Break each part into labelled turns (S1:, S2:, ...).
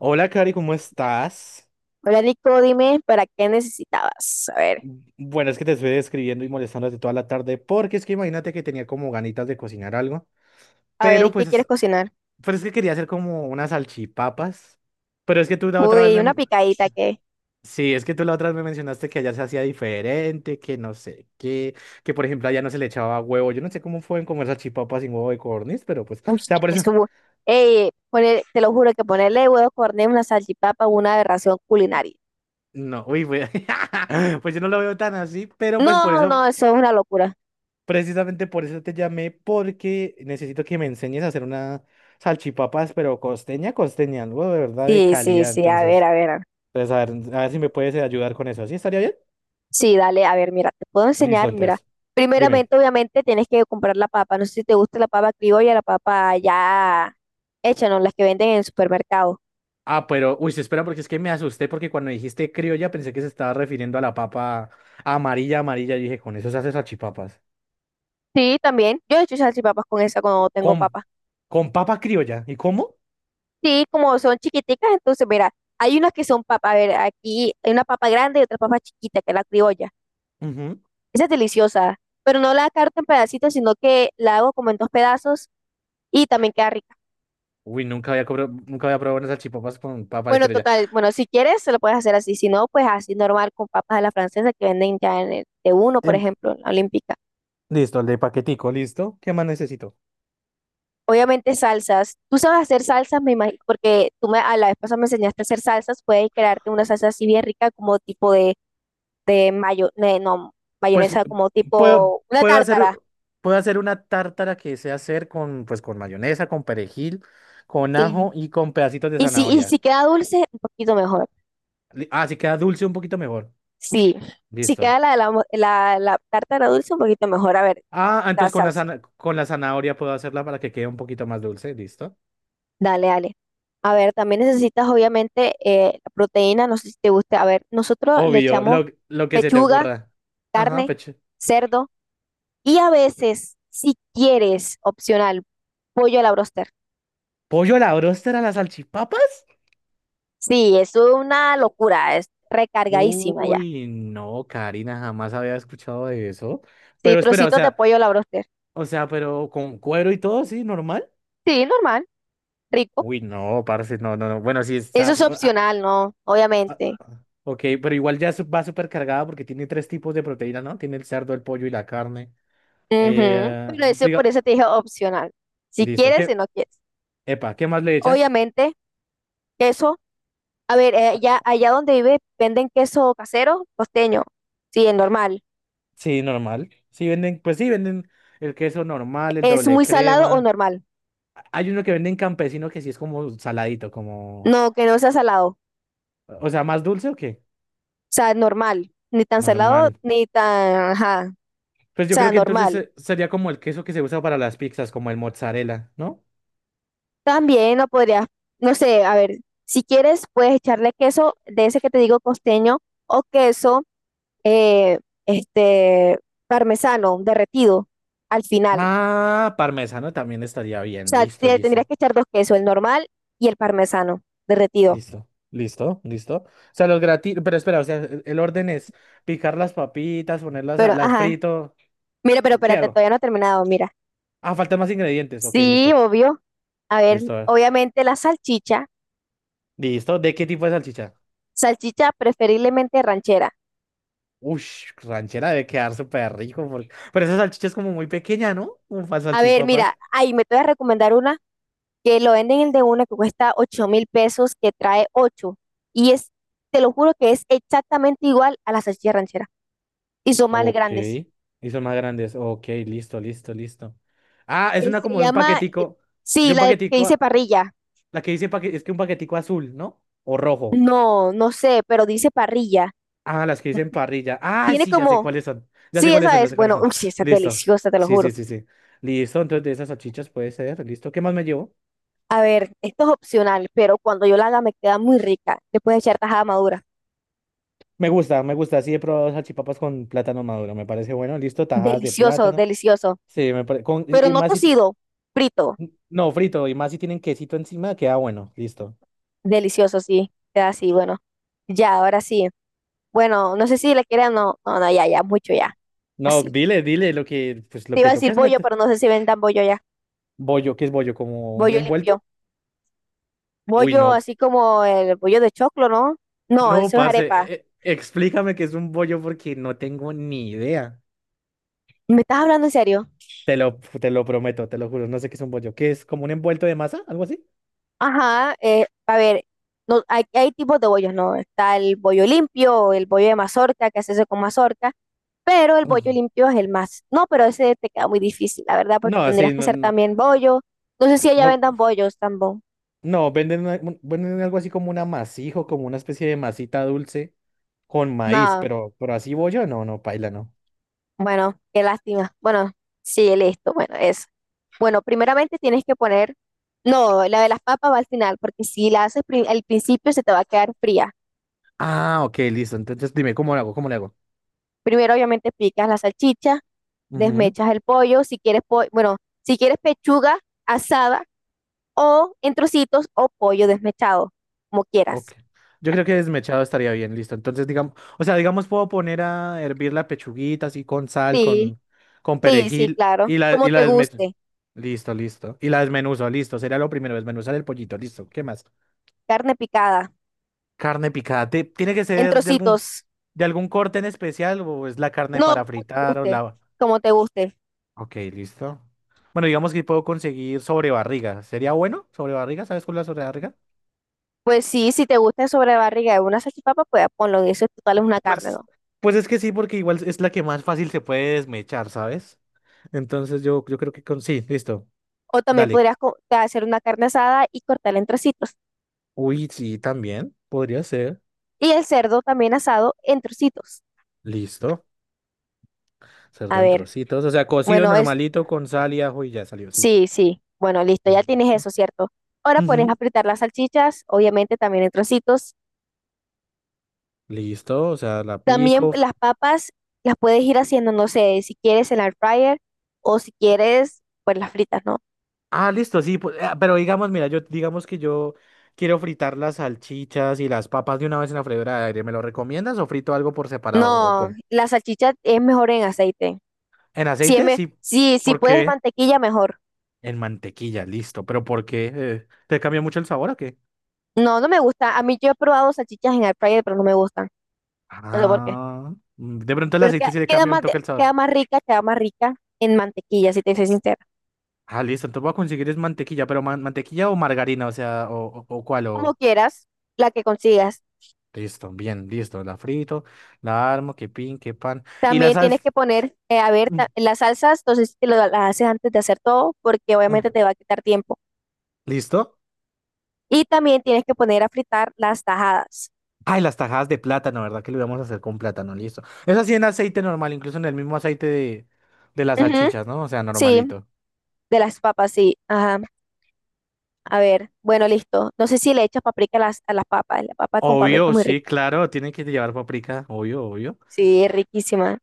S1: Hola, Cari, ¿cómo estás?
S2: Hola Nico, dime, ¿para qué necesitabas?
S1: Bueno, es que te estoy escribiendo y molestando desde toda la tarde porque es que imagínate que tenía como ganitas de cocinar algo,
S2: A
S1: pero
S2: ver, ¿qué
S1: pues,
S2: quieres cocinar?
S1: pero es que quería hacer como unas salchipapas, pero es que tú la otra vez
S2: Uy, una
S1: me...
S2: picadita que...
S1: Sí, es que tú la otra vez me mencionaste que allá se hacía diferente, que no sé qué, que por ejemplo allá no se le echaba huevo. Yo no sé cómo pueden comer salchipapas sin huevo de codorniz, pero pues, o
S2: Uy,
S1: sea, por eso...
S2: eso... Ey, te lo juro que ponerle huevos corneros, una salchipapa, una aberración culinaria.
S1: No, uy, pues, pues yo no lo veo tan así, pero pues por
S2: No,
S1: eso...
S2: no, eso es una locura.
S1: Precisamente por eso te llamé, porque necesito que me enseñes a hacer una salchipapas, pero costeña, costeña, algo de verdad de
S2: Sí, sí,
S1: calidad.
S2: sí, a ver,
S1: Entonces,
S2: a ver, a ver.
S1: entonces a ver si me puedes ayudar con eso. ¿Sí estaría bien?
S2: Sí, dale, a ver, mira, te puedo
S1: Listo,
S2: enseñar, mira.
S1: entonces. Dime.
S2: Primeramente, obviamente, tienes que comprar la papa. No sé si te gusta la papa criolla, la papa ya hecha, ¿no? Las que venden en el supermercado.
S1: Ah, pero, uy, sí, espera, porque es que me asusté, porque cuando dijiste criolla pensé que se estaba refiriendo a la papa amarilla, amarilla. Y dije, con eso se hace salchipapas.
S2: Sí, también. Yo he hecho salchipapas con esa
S1: Co-
S2: cuando tengo
S1: Con,
S2: papa.
S1: con papa criolla. ¿Y cómo?
S2: Sí, como son chiquiticas, entonces, mira, hay unas que son papa, a ver, aquí hay una papa grande y otra papa chiquita, que es la criolla.
S1: Ujú.
S2: Esa es deliciosa, pero no la carto en pedacitos, sino que la hago como en dos pedazos y también queda rica.
S1: Uy, nunca había, nunca había probado unas salchipapas con papa
S2: Bueno,
S1: criolla.
S2: total, bueno, si quieres, se lo puedes hacer así, si no, pues así normal con papas a la francesa que venden ya en el de uno, por ejemplo, en la Olímpica.
S1: Listo, el de paquetico, listo. ¿Qué más necesito?
S2: Obviamente salsas. Tú sabes hacer salsas, me imagino, porque tú me, a la vez pasada me enseñaste a hacer salsas, puedes crearte una salsa así bien rica, como tipo de mayo, no,
S1: Pues
S2: mayonesa como
S1: puedo,
S2: tipo una
S1: puedo hacer,
S2: tártara.
S1: puedo hacer una tártara que sé hacer con, pues, con mayonesa, con perejil, con
S2: Sí.
S1: ajo y con pedacitos de
S2: Y si
S1: zanahoria.
S2: queda dulce, un poquito mejor.
S1: Ah, si queda dulce un poquito mejor.
S2: Sí. Si
S1: Listo.
S2: queda la tártara dulce, un poquito mejor. A ver,
S1: Ah, ah,
S2: la
S1: entonces con la,
S2: salsa.
S1: con la zanahoria puedo hacerla para que quede un poquito más dulce. Listo.
S2: Dale, dale. A ver, también necesitas obviamente la proteína, no sé si te guste. A ver, nosotros le
S1: Obvio,
S2: echamos
S1: lo que se te
S2: pechuga,
S1: ocurra. Ajá,
S2: carne,
S1: pecho.
S2: cerdo y a veces, si quieres, opcional, pollo a la broster.
S1: ¿Pollo a la bróster a las salchipapas?
S2: Sí, es una locura, es recargadísima ya.
S1: Uy, no, Karina, jamás había escuchado de eso.
S2: Sí,
S1: Pero espera, o
S2: trocitos de
S1: sea.
S2: pollo a la broster.
S1: O sea, pero con cuero y todo, sí, normal.
S2: Sí, normal, rico.
S1: Uy, no, parce, no, no, no. Bueno, sí
S2: Eso
S1: está.
S2: es
S1: Ah,
S2: opcional, ¿no?
S1: ah,
S2: Obviamente.
S1: ah. Ok, pero igual ya va súper cargada porque tiene tres tipos de proteína, ¿no? Tiene el cerdo, el pollo y la carne.
S2: Ujú.
S1: Eh,
S2: Pero eso, por
S1: diga-
S2: eso te dije opcional. Si
S1: listo.
S2: quieres, si
S1: ¿Qué?
S2: no quieres.
S1: Epa, ¿qué más le echas?
S2: Obviamente, queso. A ver,
S1: Ah,
S2: allá, allá donde vive, ¿venden queso casero? Costeño. Sí, es normal.
S1: sí, normal. Sí, venden, pues sí, venden el queso normal, el
S2: ¿Es
S1: doble
S2: muy salado o
S1: crema.
S2: normal?
S1: Hay uno que venden campesino que sí es como saladito, como.
S2: No, que no sea salado. O
S1: O sea, ¿más dulce o qué?
S2: sea, normal. Ni tan salado,
S1: Normal.
S2: ni tan... Ajá. O
S1: Pues yo creo
S2: sea,
S1: que entonces
S2: normal.
S1: sería como el queso que se usa para las pizzas, como el mozzarella, ¿no?
S2: También no podrías, no sé, a ver, si quieres puedes echarle queso de ese que te digo costeño o queso eh, este parmesano derretido al final.
S1: Ah, parmesano también estaría
S2: O
S1: bien.
S2: sea,
S1: Listo,
S2: tendrías
S1: listo,
S2: que echar dos quesos, el normal y el parmesano derretido.
S1: listo, listo, listo. O sea, los gratis, pero espera, o sea, el orden es picar las papitas, ponerlas,
S2: Pero,
S1: las
S2: ajá,
S1: frito.
S2: mira, pero
S1: ¿O ¿Qué
S2: espérate,
S1: hago?
S2: todavía no he terminado, mira.
S1: Ah, faltan más ingredientes. Ok,
S2: Sí,
S1: listo,
S2: obvio. A ver,
S1: listo, a ver.
S2: obviamente la salchicha,
S1: Listo. ¿De qué tipo de salchicha?
S2: salchicha preferiblemente ranchera.
S1: Ush, ranchera debe quedar súper rico. Pero esa salchicha es como muy pequeña, ¿no? Un para
S2: A ver, mira,
S1: salchipapas.
S2: ahí me te voy a recomendar una que lo venden el de uno que cuesta 8.000 pesos, que trae ocho. Y es, te lo juro que es exactamente igual a la salchicha ranchera. Y son más
S1: Ok.
S2: grandes.
S1: Y son más grandes. Ok, listo, listo, listo. Ah, es
S2: Eh,
S1: una
S2: se
S1: como de un
S2: llama,
S1: paquetico. De
S2: sí,
S1: un
S2: que
S1: paquetico.
S2: dice parrilla.
S1: La que dice es que un paquetico azul, ¿no? O rojo.
S2: No, no sé, pero dice parrilla.
S1: Ah, las que dicen parrilla. Ah,
S2: Tiene
S1: sí, ya sé
S2: como,
S1: cuáles son. Ya sé
S2: sí,
S1: cuáles
S2: esa
S1: son, ya
S2: es,
S1: sé cuáles
S2: bueno,
S1: son.
S2: uy, sí, esa es
S1: Listo.
S2: deliciosa, te lo
S1: Sí, sí,
S2: juro.
S1: sí, sí. Listo, entonces de esas salchichas puede ser. Listo. ¿Qué más me llevo?
S2: A ver, esto es opcional, pero cuando yo la haga me queda muy rica. Le puedes echar tajada madura.
S1: Me gusta, me gusta. Sí, he probado salchipapas con plátano maduro. Me parece bueno. Listo, tajadas de
S2: Delicioso,
S1: plátano.
S2: delicioso.
S1: Sí, me parece. Con... Y
S2: Pero
S1: y
S2: no
S1: más si. t-
S2: cocido, frito.
S1: No, frito. Y más si tienen quesito encima, queda bueno. Listo.
S2: Delicioso, sí. Queda así, bueno. Ya, ahora sí. Bueno, no sé si le quieren no. No, no, ya, ya, mucho ya.
S1: No,
S2: Así.
S1: dile, dile lo que, pues lo
S2: Te iba a
S1: que toca
S2: decir
S1: es
S2: bollo,
S1: meter.
S2: pero no sé si vendan bollo ya.
S1: Bollo, ¿qué es bollo? ¿Como un
S2: Bollo
S1: envuelto?
S2: limpio.
S1: Uy,
S2: Bollo
S1: no.
S2: así como el bollo de choclo, ¿no? No,
S1: No,
S2: eso es
S1: parce,
S2: arepa.
S1: explícame qué es un bollo porque no tengo ni idea.
S2: ¿Me estás hablando en serio?
S1: Te lo prometo, te lo juro, no sé qué es un bollo. ¿Qué es como un envuelto de masa? ¿Algo así?
S2: Ajá, a ver, no, hay tipos de bollos, ¿no? Está el bollo limpio, el bollo de mazorca, que se hace con mazorca, pero el bollo
S1: Ujú.
S2: limpio es el más. No, pero ese te queda muy difícil, la verdad, porque
S1: No, sí,
S2: tendrías que
S1: no,
S2: hacer
S1: no,
S2: también bollo. No sé si allá
S1: no,
S2: vendan bollos tampoco.
S1: no, venden, venden algo así como un amasijo, como una especie de masita dulce con maíz,
S2: No.
S1: pero así bollo, no, no, paila, no.
S2: Bueno, qué lástima. Bueno, sí, listo. Bueno, eso. Bueno, primeramente tienes que poner, no, la de las papas va al final, porque si la haces al principio se te va a quedar fría.
S1: Ah, ok, listo. Entonces dime, ¿cómo lo hago? ¿Cómo le
S2: Primero, obviamente, picas la salchicha,
S1: hago?
S2: desmechas el pollo, si quieres, bueno, si quieres pechuga asada o en trocitos o pollo desmechado, como
S1: Ok.
S2: quieras.
S1: Yo creo que desmechado estaría bien, listo. Entonces, digamos, o sea, digamos, puedo poner a hervir la pechuguita así con sal,
S2: Sí,
S1: con
S2: sí, sí,
S1: perejil
S2: claro.
S1: y
S2: Como
S1: y la
S2: te
S1: desmecho.
S2: guste,
S1: Listo, listo. Y la desmenuzo, listo. Sería lo primero, desmenuzar el pollito, listo. ¿Qué más?
S2: carne picada,
S1: Carne picada. ¿Tiene que
S2: en
S1: ser
S2: trocitos.
S1: de algún corte en especial o es la carne
S2: No,
S1: para
S2: como te
S1: fritar o
S2: guste,
S1: la...
S2: como te guste.
S1: Ok, listo. Bueno, digamos que puedo conseguir sobrebarriga. ¿Sería bueno? ¿Sobrebarriga? ¿Sabes cuál es la sobrebarriga?
S2: Pues sí, si te gusta sobrebarriga de una salchipapa, pues ponlo en eso, total es una carne,
S1: Pues,
S2: ¿no?
S1: pues es que sí, porque igual es la que más fácil se puede desmechar, ¿sabes? Entonces yo creo que con... Sí, listo.
S2: O también
S1: Dale.
S2: podrías hacer una carne asada y cortarla en trocitos.
S1: Uy, sí, también. Podría ser.
S2: Y el cerdo también asado en trocitos.
S1: Listo.
S2: A
S1: Cerdo en
S2: ver,
S1: trocitos. O sea, cocido
S2: bueno, es,
S1: normalito con sal y ajo y ya salió, sí.
S2: sí, sí, bueno, listo, ya tienes eso,
S1: Listo.
S2: ¿cierto? Ahora pones
S1: Ujú.
S2: a fritar las salchichas, obviamente también en trocitos.
S1: Listo. O sea, la
S2: También
S1: pico. F-
S2: las papas las puedes ir haciendo, no sé, si quieres en la air fryer o si quieres, pues las fritas, ¿no?
S1: Ah, listo, sí. pues, ah, pero digamos, mira, yo digamos que yo quiero fritar las salchichas y las papas de una vez en la freidora de aire. ¿Me lo recomiendas o frito algo por separado? ¿O
S2: No,
S1: cómo?
S2: la salchicha es mejor en aceite.
S1: ¿En
S2: Si,
S1: aceite?
S2: me,
S1: Sí.
S2: si
S1: ¿Por
S2: puedes
S1: qué?
S2: mantequilla, mejor.
S1: En mantequilla, listo. ¿Pero por qué? ¿Te cambia mucho el sabor o qué?
S2: No, no me gusta. A mí yo he probado salchichas en air fryer, pero no me gustan. No sé por qué.
S1: Ah, mm, de pronto el
S2: Pero
S1: aceite sí le
S2: queda
S1: cambia un
S2: más,
S1: toque el sabor.
S2: queda más rica en mantequilla, si te soy sincera.
S1: Ah, listo, entonces voy a conseguir es mantequilla, pero mantequilla o margarina, o sea, o cuál,
S2: Como
S1: o...
S2: quieras, la que consigas.
S1: Listo, bien, listo, la frito, la armo, que pin, que pan. Y la
S2: También tienes
S1: salsa...
S2: que poner, a ver,
S1: mm,
S2: las salsas, entonces te lo, las haces antes de hacer todo, porque
S1: mm,
S2: obviamente te va a quitar tiempo.
S1: ¿Listo?
S2: Y también tienes que poner a fritar las tajadas.
S1: Ay, las tajadas de plátano, ¿verdad? Que lo íbamos a hacer con plátano, listo. Es así en aceite normal, incluso en el mismo aceite de las
S2: Ujú.
S1: salchichas, ¿no? O sea,
S2: Sí,
S1: normalito.
S2: de las papas, sí. Ajá. A ver, bueno, listo. No sé si le echas paprika a las papas. La papa con paprika es
S1: Obvio,
S2: muy
S1: sí,
S2: rica.
S1: claro, tiene que llevar paprika, obvio, obvio.
S2: Sí, es riquísima.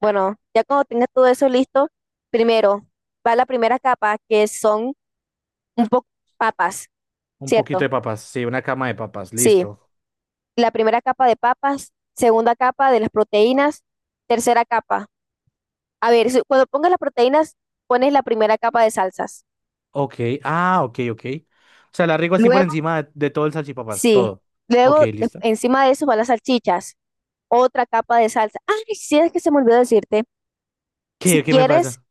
S2: Bueno, ya cuando tengas todo eso listo, primero va la primera capa, que son un poco papas,
S1: Un
S2: ¿cierto?
S1: poquito de papas, sí, una cama de papas,
S2: Sí,
S1: listo.
S2: la primera capa de papas, segunda capa de las proteínas, tercera capa. A ver, cuando pongas las proteínas, pones la primera capa de salsas.
S1: Ok, ah, ok, ok. O sea, la riego así por
S2: Luego,
S1: encima de todo el salchipapas,
S2: sí,
S1: todo. Ok,
S2: luego
S1: listo.
S2: encima de eso van las salchichas, otra capa de salsa. Ah, sí, es que se me olvidó decirte, si
S1: ¿Qué, qué me
S2: quieres
S1: pasa?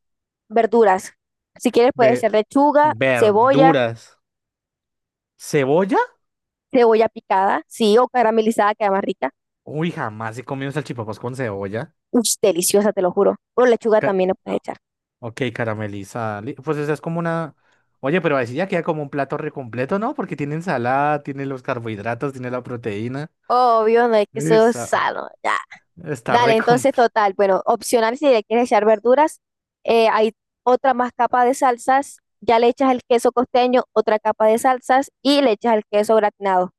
S2: verduras, si quieres puede
S1: Ve-
S2: ser lechuga, cebolla.
S1: verduras. ¿Cebolla?
S2: Cebolla picada, sí, o caramelizada, queda más rica.
S1: Uy, jamás he comido salchipapas con cebolla.
S2: Uy, deliciosa, te lo juro. O lechuga
S1: Ca-
S2: también le puedes echar.
S1: ok, caramelizada. Li- Pues esa es como una... Oye, pero así ya queda como un plato re completo, ¿no? Porque tiene ensalada, tiene los carbohidratos, tiene la proteína.
S2: Obvio, no es que eso es
S1: Esa,
S2: sano, ya.
S1: está re
S2: Dale, entonces,
S1: completo.
S2: total, bueno, opcional si le quieres echar verduras. Hay otra más capa de salsas, ya le echas el queso costeño, otra capa de salsas y le echas el queso gratinado.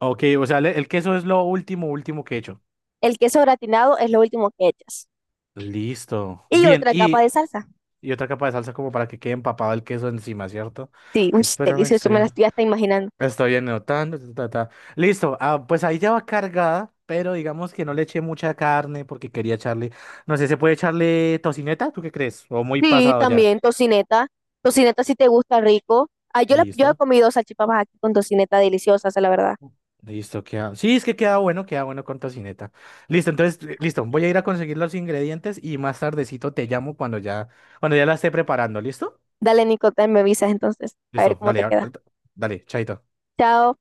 S1: Ok, o sea, el queso es lo último, último que he hecho.
S2: El queso gratinado es lo último que echas.
S1: Listo.
S2: Y
S1: Bien,
S2: otra capa de salsa.
S1: y otra capa de salsa como para que quede empapado el queso encima, ¿cierto?
S2: Sí, uy,
S1: Entonces, espérame,
S2: delicioso, me la estoy hasta imaginando.
S1: estoy anotando. Ta, ta, ta. Listo, ah, pues ahí ya va cargada, pero digamos que no le eché mucha carne porque quería echarle, no sé, ¿se puede echarle tocineta? ¿Tú qué crees? O muy
S2: Sí,
S1: pasado ya.
S2: también tocineta. Tocineta si te gusta rico. Ah, yo, yo he
S1: Listo,
S2: comido salchipapas aquí con tocineta deliciosas, la verdad.
S1: listo, queda. Sí, es que queda bueno con tocineta. Listo, entonces, listo, voy a ir a conseguir los ingredientes y más tardecito te llamo cuando ya la esté preparando, ¿listo?
S2: Dale, Nico, me avisas entonces, a ver
S1: Listo,
S2: cómo
S1: dale,
S2: te queda.
S1: dale, chaito.
S2: Chao.